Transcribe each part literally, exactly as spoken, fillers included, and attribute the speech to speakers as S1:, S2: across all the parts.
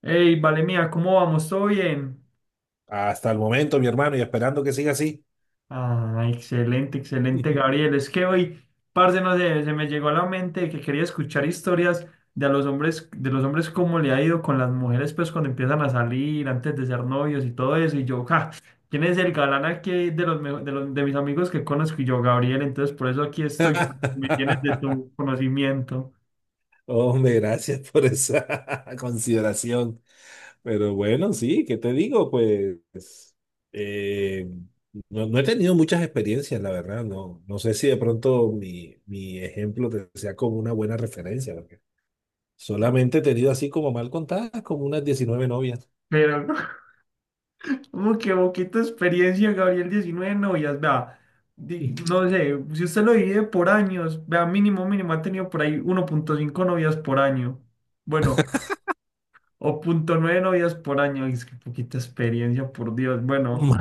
S1: Hey, vale mía, ¿cómo vamos? ¿Todo bien?
S2: Hasta el momento, mi hermano, y esperando que siga así.
S1: Ah, excelente, excelente, Gabriel. Es que hoy, parce, no sé, se me llegó a la mente que quería escuchar historias de a los hombres, de los hombres cómo le ha ido con las mujeres, pues cuando empiezan a salir, antes de ser novios y todo eso. Y yo, ja, ¿quién es el galán aquí de los, mejo- de los- de mis amigos que conozco? Y yo, Gabriel, entonces por eso aquí estoy, me tienes de tu conocimiento.
S2: Hombre, gracias por esa consideración. Pero bueno, sí, ¿qué te digo? Pues eh, no, no he tenido muchas experiencias, la verdad. No, no sé si de pronto mi, mi ejemplo te sea como una buena referencia, porque solamente he tenido así como mal contadas, como unas diecinueve novias.
S1: Pero, Uy, qué poquita experiencia, Gabriel, diecinueve novias, vea, di- no sé, si usted lo divide por años, vea, mínimo, mínimo, ha tenido por ahí uno punto cinco novias por año, bueno, o punto nueve novias por año, es que poquita experiencia, por Dios. Bueno,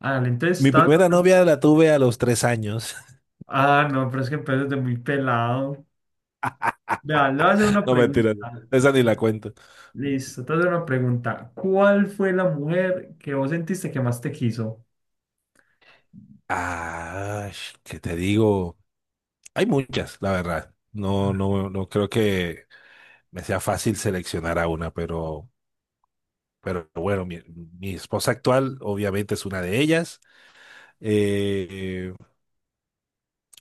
S1: ah, entonces
S2: Mi
S1: está,
S2: primera novia la tuve a los tres años.
S1: ah, no, pero es que empezó desde muy pelado, vea, le voy a hacer una
S2: No, mentira,
S1: pregunta,
S2: esa ni la cuento.
S1: listo, te voy a hacer una pregunta, ¿cuál fue la mujer que vos sentiste que más te quiso?
S2: Ah, sh- ¿qué te digo? Hay muchas, la verdad. No, no, no creo que me sea fácil seleccionar a una, pero, pero bueno, mi, mi esposa actual obviamente es una de ellas. Eh,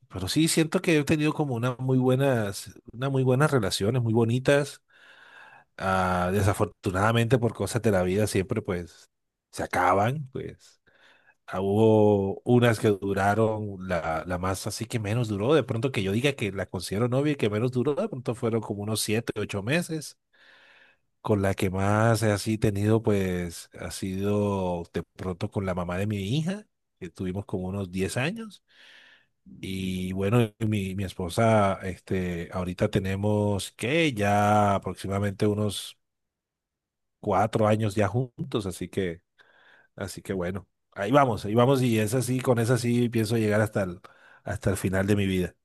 S2: pero sí, siento que he tenido como una muy buenas, unas muy buenas relaciones, muy bonitas. Ah, desafortunadamente por cosas de la vida siempre pues se acaban, pues. Ah, hubo unas que duraron, la, la más así que menos duró, de pronto que yo diga que la considero novia y que menos duró, de pronto fueron como unos siete, ocho meses. Con la que más he así tenido, pues, ha sido de pronto con la mamá de mi hija, que tuvimos como unos diez años. Y bueno, mi, mi esposa, este, ahorita tenemos que ya aproximadamente unos cuatro años ya juntos, así que Así que bueno, ahí vamos, ahí vamos y es así, con esa sí pienso llegar hasta el, hasta el final de mi vida.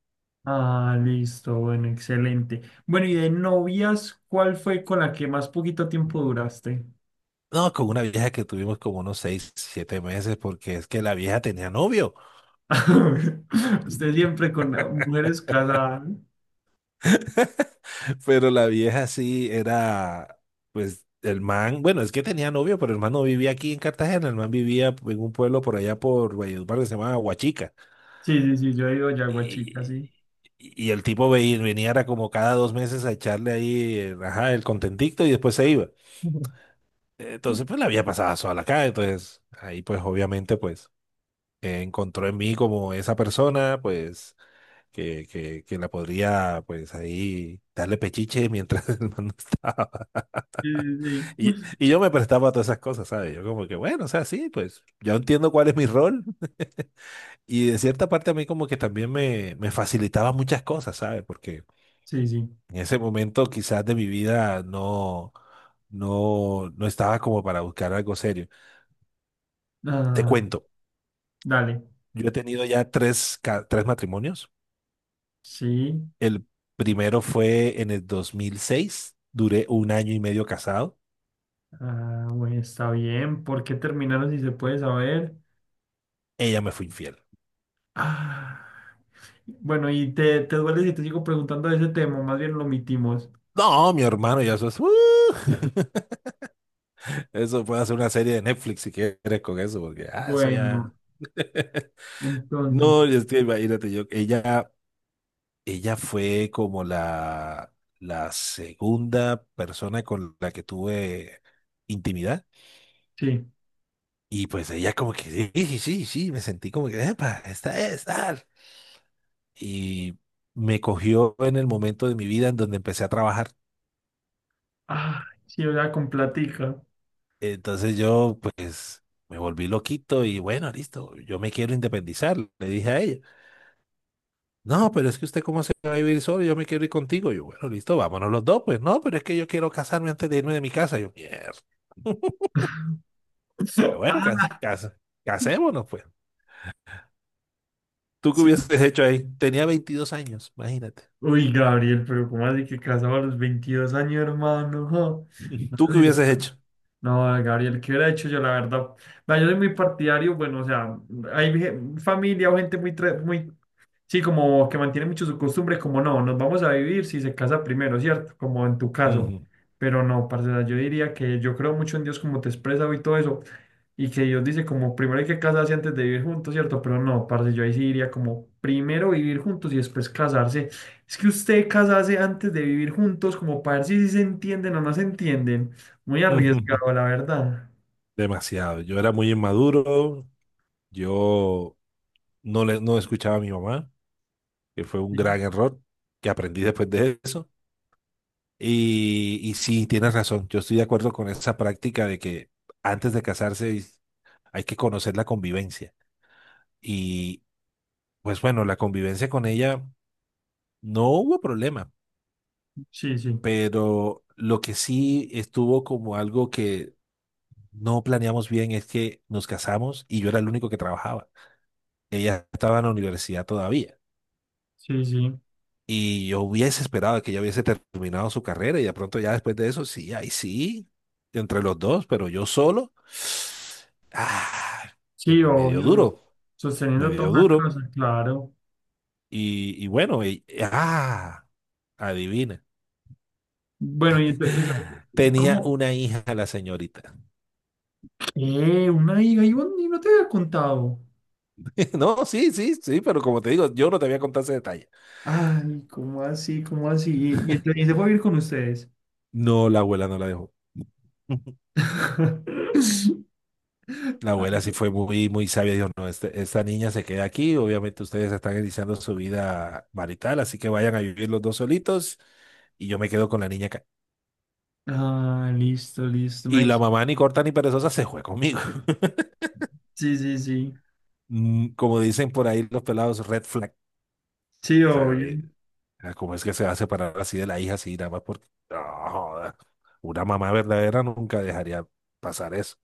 S1: Ah, listo, bueno, excelente. Bueno, y de novias, ¿cuál fue con la que más poquito tiempo duraste?
S2: No, con una vieja que tuvimos como unos seis, siete meses, porque es que la vieja tenía novio.
S1: Usted siempre con eh, mujeres casadas, ¿no?
S2: Pero la vieja sí era, pues el man, bueno, es que tenía novio, pero el man no vivía aquí en Cartagena, el man vivía en un pueblo por allá por Valledupar que se llamaba Huachica.
S1: Sí, sí, sí, yo he ido Yaguachica, sí.
S2: Y, y el tipo ve- venía, era como cada dos meses a echarle ahí, eh, ajá, el contentito y después se iba. Entonces, pues la vida pasaba sola acá, entonces ahí pues obviamente pues eh, encontró en mí como esa persona pues que, que, que la podría pues ahí darle pechiche mientras el man no estaba.
S1: Sí, sí,
S2: Y,
S1: sí.
S2: y yo me prestaba a todas esas cosas, ¿sabes? Yo como que bueno, o sea, sí, pues yo entiendo cuál es mi rol, y de cierta parte a mí como que también me, me facilitaba muchas cosas, ¿sabes? Porque
S1: Sí, sí.
S2: en ese momento quizás de mi vida no, no, no estaba como para buscar algo serio. Te
S1: Ah,
S2: cuento.
S1: dale.
S2: Yo he tenido ya tres, ca- tres matrimonios.
S1: Sí.
S2: El primero fue en el dos mil seis. Duré un año y medio casado.
S1: Ah, bueno, está bien. ¿Por qué terminaron, si se puede saber?
S2: Ella me fue infiel.
S1: Ah. Bueno, y te, te duele si te sigo preguntando de ese tema, más bien lo omitimos.
S2: No, mi hermano, ya eso es... ¡uh! Eso puede hacer una serie de Netflix si quieres con eso, porque ah, eso ya...
S1: Bueno, entonces,
S2: No, yo estoy, imagínate, yo, ella, ella fue como la, la segunda persona con la que tuve intimidad.
S1: sí.
S2: Y pues ella como que, sí, sí, sí, sí, me sentí como que, epa, esta es, tal. Y me cogió en el momento de mi vida en donde empecé a trabajar.
S1: Ah, sí, era con platica.
S2: Entonces yo pues me volví loquito y bueno, listo, yo me quiero independizar, le dije a ella. No, pero es que usted cómo se va a vivir solo, yo me quiero ir contigo. Yo, bueno, listo, vámonos los dos, pues no, pero es que yo quiero casarme antes de irme de mi casa. Yo, mierda. Pero bueno,
S1: Ah,
S2: cas- cas- casémonos, pues. ¿Tú qué
S1: sí.
S2: hubieses hecho ahí? Tenía veintidós años, imagínate.
S1: Uy, Gabriel, pero ¿cómo así que casaba a los veintidós años, hermano? Jo, no,
S2: ¿Tú qué
S1: sé si
S2: hubieses
S1: está-
S2: hecho?
S1: no, Gabriel, ¿qué hubiera hecho yo, la verdad? Vea, yo soy muy partidario, bueno, o sea, hay ge- familia o gente muy, tra- muy, sí, como que mantiene mucho su costumbre, como no, nos vamos a vivir si se casa primero, ¿cierto? Como en tu caso.
S2: Ujú.
S1: Pero no, parce, o sea, yo diría que yo creo mucho en Dios como te expresa y todo eso, y que Dios dice como primero hay que casarse antes de vivir juntos, ¿cierto? Pero no, parce, yo ahí sí diría como primero vivir juntos y después casarse. Es que usted casarse antes de vivir juntos como para ver si, sí se entienden o no se entienden. Muy arriesgado, la verdad.
S2: Demasiado. Yo era muy inmaduro. Yo no, le, no escuchaba a mi mamá, que fue un gran
S1: Sí,
S2: error que aprendí después de eso. Y, y sí, tienes razón, yo estoy de acuerdo con esa práctica de que antes de casarse hay que conocer la convivencia. Y pues bueno, la convivencia con ella no hubo problema,
S1: sí, sí,
S2: pero lo que sí estuvo como algo que no planeamos bien es que nos casamos y yo era el único que trabajaba. Ella estaba en la universidad todavía.
S1: sí, sí,
S2: Y yo hubiese esperado que ya hubiese terminado su carrera y de pronto ya después de eso, sí, ahí sí, entre los dos, pero yo solo, ah, me,
S1: sí,
S2: me- me dio
S1: obvio, sos-
S2: duro, me
S1: sosteniendo toda
S2: dio
S1: una
S2: duro.
S1: casa, claro.
S2: Y, y bueno, y- ah, adivina,
S1: Bueno, y entonces,
S2: tenía
S1: ¿cómo?
S2: una hija la señorita.
S1: ¿Qué? ¿Una hija? ¿Y vos ni- no te había contado?
S2: No, sí, sí, sí, pero como te digo, yo no te había contado ese detalle.
S1: Ay, ¿cómo así? ¿Cómo así? ¿Y, y entonces se fue a vivir con ustedes?
S2: No, la abuela no la dejó. La abuela
S1: Ay,
S2: sí fue muy, muy sabia, dijo, no, este- esta niña se queda aquí, obviamente ustedes están iniciando su vida marital, así que vayan a vivir los dos solitos y yo me quedo con la niña acá.
S1: ah, listo, listo. No
S2: Y
S1: hay-
S2: la mamá ni corta ni perezosa se fue conmigo.
S1: Sí, sí, sí.
S2: Mm, Como dicen por ahí los pelados, red flag.
S1: Sí,
S2: O sea,
S1: obvio.
S2: eh, ah, ¿cómo es que se va a separar así de la hija, así nada más porque... No, joda. Una mamá verdadera nunca dejaría pasar eso.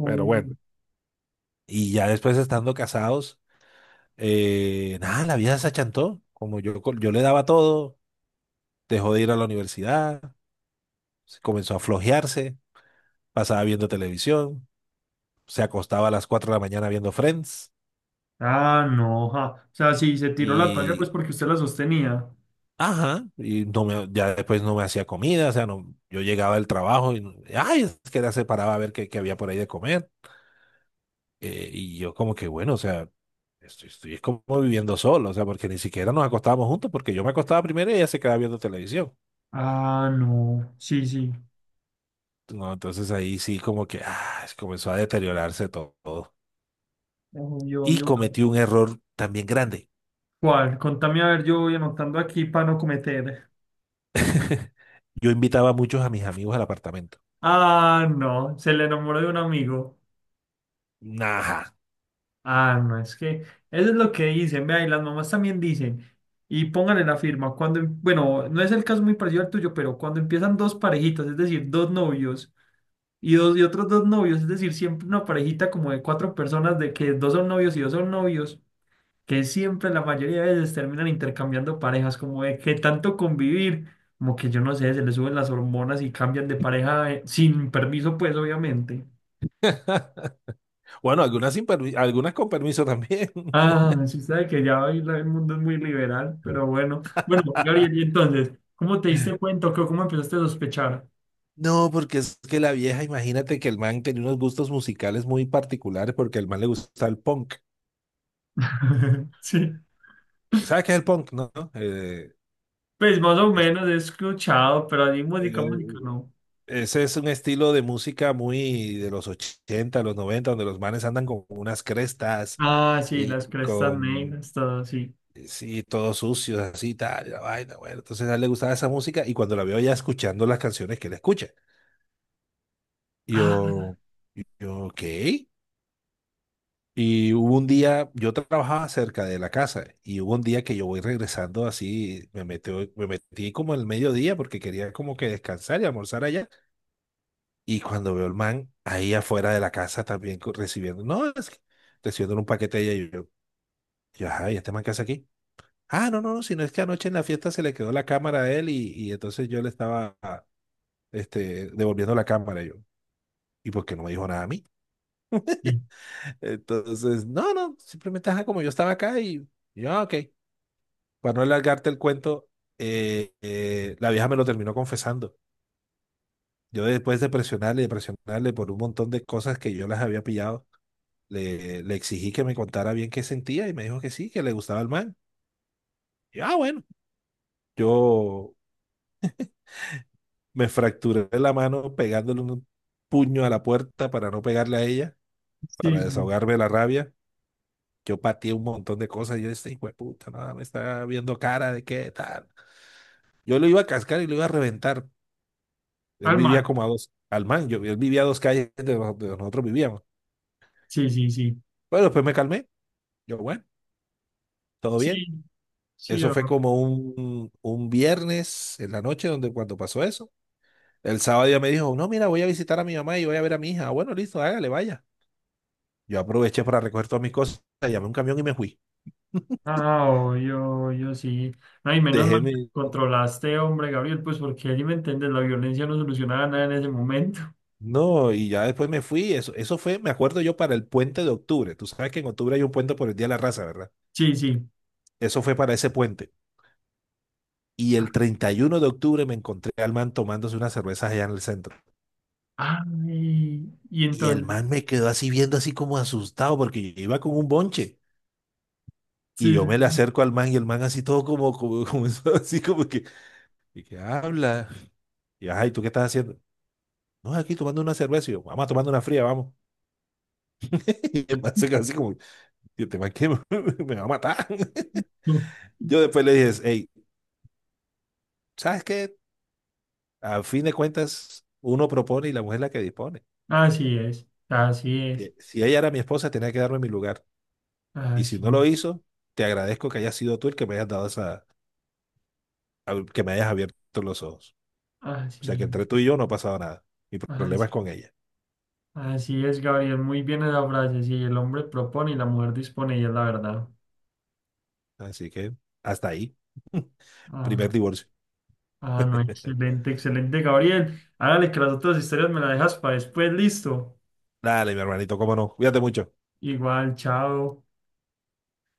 S2: Pero bueno, y ya después estando casados, eh, nada, la vida se achantó. Como yo, co- yo le daba todo. Dejó de ir a la universidad, se comenzó a flojearse, pasaba viendo televisión, se acostaba a las cuatro de la mañana viendo Friends
S1: Ah, no, ja. O sea, sí, se tiró la toalla
S2: y,
S1: pues porque usted la sostenía.
S2: ajá, y no me, ya después no me hacía comida, o sea, no, yo llegaba del trabajo y, no- ay, es que era se paraba a ver qué, qué, había por ahí de comer. Eh, y yo como que, bueno, o sea, estoy, estoy es como viviendo solo, o sea, porque ni siquiera nos acostábamos juntos, porque yo me acostaba primero y ella se quedaba viendo televisión.
S1: Ah, no. Sí, sí.
S2: No, entonces ahí sí como que ah, comenzó a deteriorarse todo.
S1: Obvio,
S2: Y
S1: obvio.
S2: cometí un error también grande.
S1: ¿Cuál? Contame, a ver, yo voy anotando aquí para no cometer.
S2: Yo invitaba a muchos a mis amigos al apartamento.
S1: Ah, no. Se le enamoró de un amigo.
S2: Ajá.
S1: Ah, no, es que eso es lo que dicen, vea, y las mamás también dicen, y pónganle la firma, cuando, em- bueno, no es el caso muy parecido al tuyo, pero cuando empiezan dos parejitas, es decir, dos novios, y dos y otros dos novios, es decir, siempre una parejita como de cuatro personas, de que dos son novios y dos son novios, que siempre la mayoría de veces terminan intercambiando parejas, como de que tanto convivir, como que yo no sé, se les suben las hormonas y cambian de pareja eh, sin permiso, pues, obviamente.
S2: Bueno, algunas, sin permi- algunas con permiso también.
S1: Ah, sí sabe que ya hoy la- el mundo es muy liberal, pero bueno. Bueno, Gabriel, y entonces, ¿cómo te diste cuenta o qué- cómo empezaste a sospechar?
S2: No, porque es que la vieja, imagínate que el man tenía unos gustos musicales muy particulares porque el man le gusta el punk.
S1: Sí,
S2: ¿Sabes qué es el punk? No. Eh,
S1: pues más o
S2: es-
S1: menos he escuchado, pero así música,
S2: eh,
S1: música no.
S2: Ese es un estilo de música muy de los ochenta los noventa donde los manes andan con unas crestas
S1: Ah, sí,
S2: y
S1: las crestas
S2: con
S1: negras, todo así.
S2: eh, sí, todo sucio, así, tal, la vaina, bueno. Entonces a él le gustaba esa música y cuando la veo ya escuchando las canciones que él escucha.
S1: Ah,
S2: Yo, yo, ok. Y hubo un día, yo trabajaba cerca de la casa y hubo un día que yo voy regresando así, me metí, me metí como el mediodía porque quería como que descansar y almorzar allá. Y cuando veo el man ahí afuera de la casa también co- recibiendo, no, es que recibiendo un paquete allá y yo, y yo, ajá, ¿y este man qué hace aquí? Ah, no, no, no, sino es que anoche en la fiesta se le quedó la cámara a él y, y entonces yo le estaba este, devolviendo la cámara yo. ¿Y por qué no me dijo nada a mí?
S1: sí,
S2: Entonces, no, no, simplemente ajá, como yo estaba acá y y yo, "Ah, ok". Para no alargarte el cuento, eh, eh, la vieja me lo terminó confesando. Yo después de presionarle y de presionarle por un montón de cosas que yo las había pillado, le, le exigí que me contara bien qué sentía y me dijo que sí, que le gustaba el man. Y, ah, bueno, yo me fracturé la mano pegándole un puño a la puerta para no pegarle a ella,
S1: sí,
S2: para
S1: sí.
S2: desahogarme la rabia. Yo pateé un montón de cosas. Yo decía, hijo de puta, nada, me está viendo cara de qué tal. Yo lo iba a cascar y lo iba a reventar. Él vivía
S1: Alma,
S2: como a dos, al man, yo, él vivía a dos calles de donde nosotros vivíamos.
S1: sí, sí, sí.
S2: Pero después me calmé. Yo, bueno, todo
S1: Sí,
S2: bien.
S1: sí,
S2: Eso
S1: o-
S2: fue como un, un viernes en la noche donde cuando pasó eso. El sábado ya me dijo, no, mira, voy a visitar a mi mamá y voy a ver a mi hija. "Ah, bueno, listo, hágale, vaya". Yo aproveché para recoger todas mis cosas, llamé un camión y me fui.
S1: ah, oh, yo, yo sí. Ay, menos mal
S2: Dejé
S1: que
S2: mi...
S1: controlaste, hombre, Gabriel, pues porque allí me entiendes, la violencia no solucionaba nada en ese momento.
S2: No, y ya después me fui. Eso, eso fue, me acuerdo yo, para el puente de octubre. Tú sabes que en octubre hay un puente por el Día de la Raza, ¿verdad?
S1: Sí, sí.
S2: Eso fue para ese puente. Y el treinta y uno de octubre me encontré al man tomándose unas cervezas allá en el centro.
S1: Ay, y
S2: Y el
S1: entonces,
S2: man me quedó así viendo así como asustado porque yo iba con un bonche.
S1: sí,
S2: Y yo me le
S1: sí,
S2: acerco al man y el man así todo como, como, como eso, así como que, y que habla. Y ay, ¿tú qué estás haciendo? No, aquí tomando una cerveza. Y yo, vamos a tomar una fría, vamos. Y el man se quedó así como, yo te que me me va a matar.
S1: sí.
S2: Yo después le dije, hey, ¿sabes qué? A fin de cuentas, uno propone y la mujer es la que dispone.
S1: Así es, así es,
S2: Eh, Si ella era mi esposa, tenía que darme mi lugar. Y si no lo
S1: así,
S2: hizo, te agradezco que hayas sido tú el que me hayas dado esa, a- que me hayas abierto los ojos. O sea que
S1: así,
S2: entre tú y yo no ha pasado nada. Mi problema
S1: así,
S2: es con ella.
S1: así es, Gabriel. Muy bien esa frase. Sí, el hombre propone y la mujer dispone, y es la verdad.
S2: Así que hasta ahí. Primer
S1: Ah,
S2: divorcio.
S1: ah, no, excelente, excelente, Gabriel. Hágale que las otras historias me las dejas para después, listo.
S2: Dale, mi hermanito, cómo no. Cuídate mucho.
S1: Igual, chao.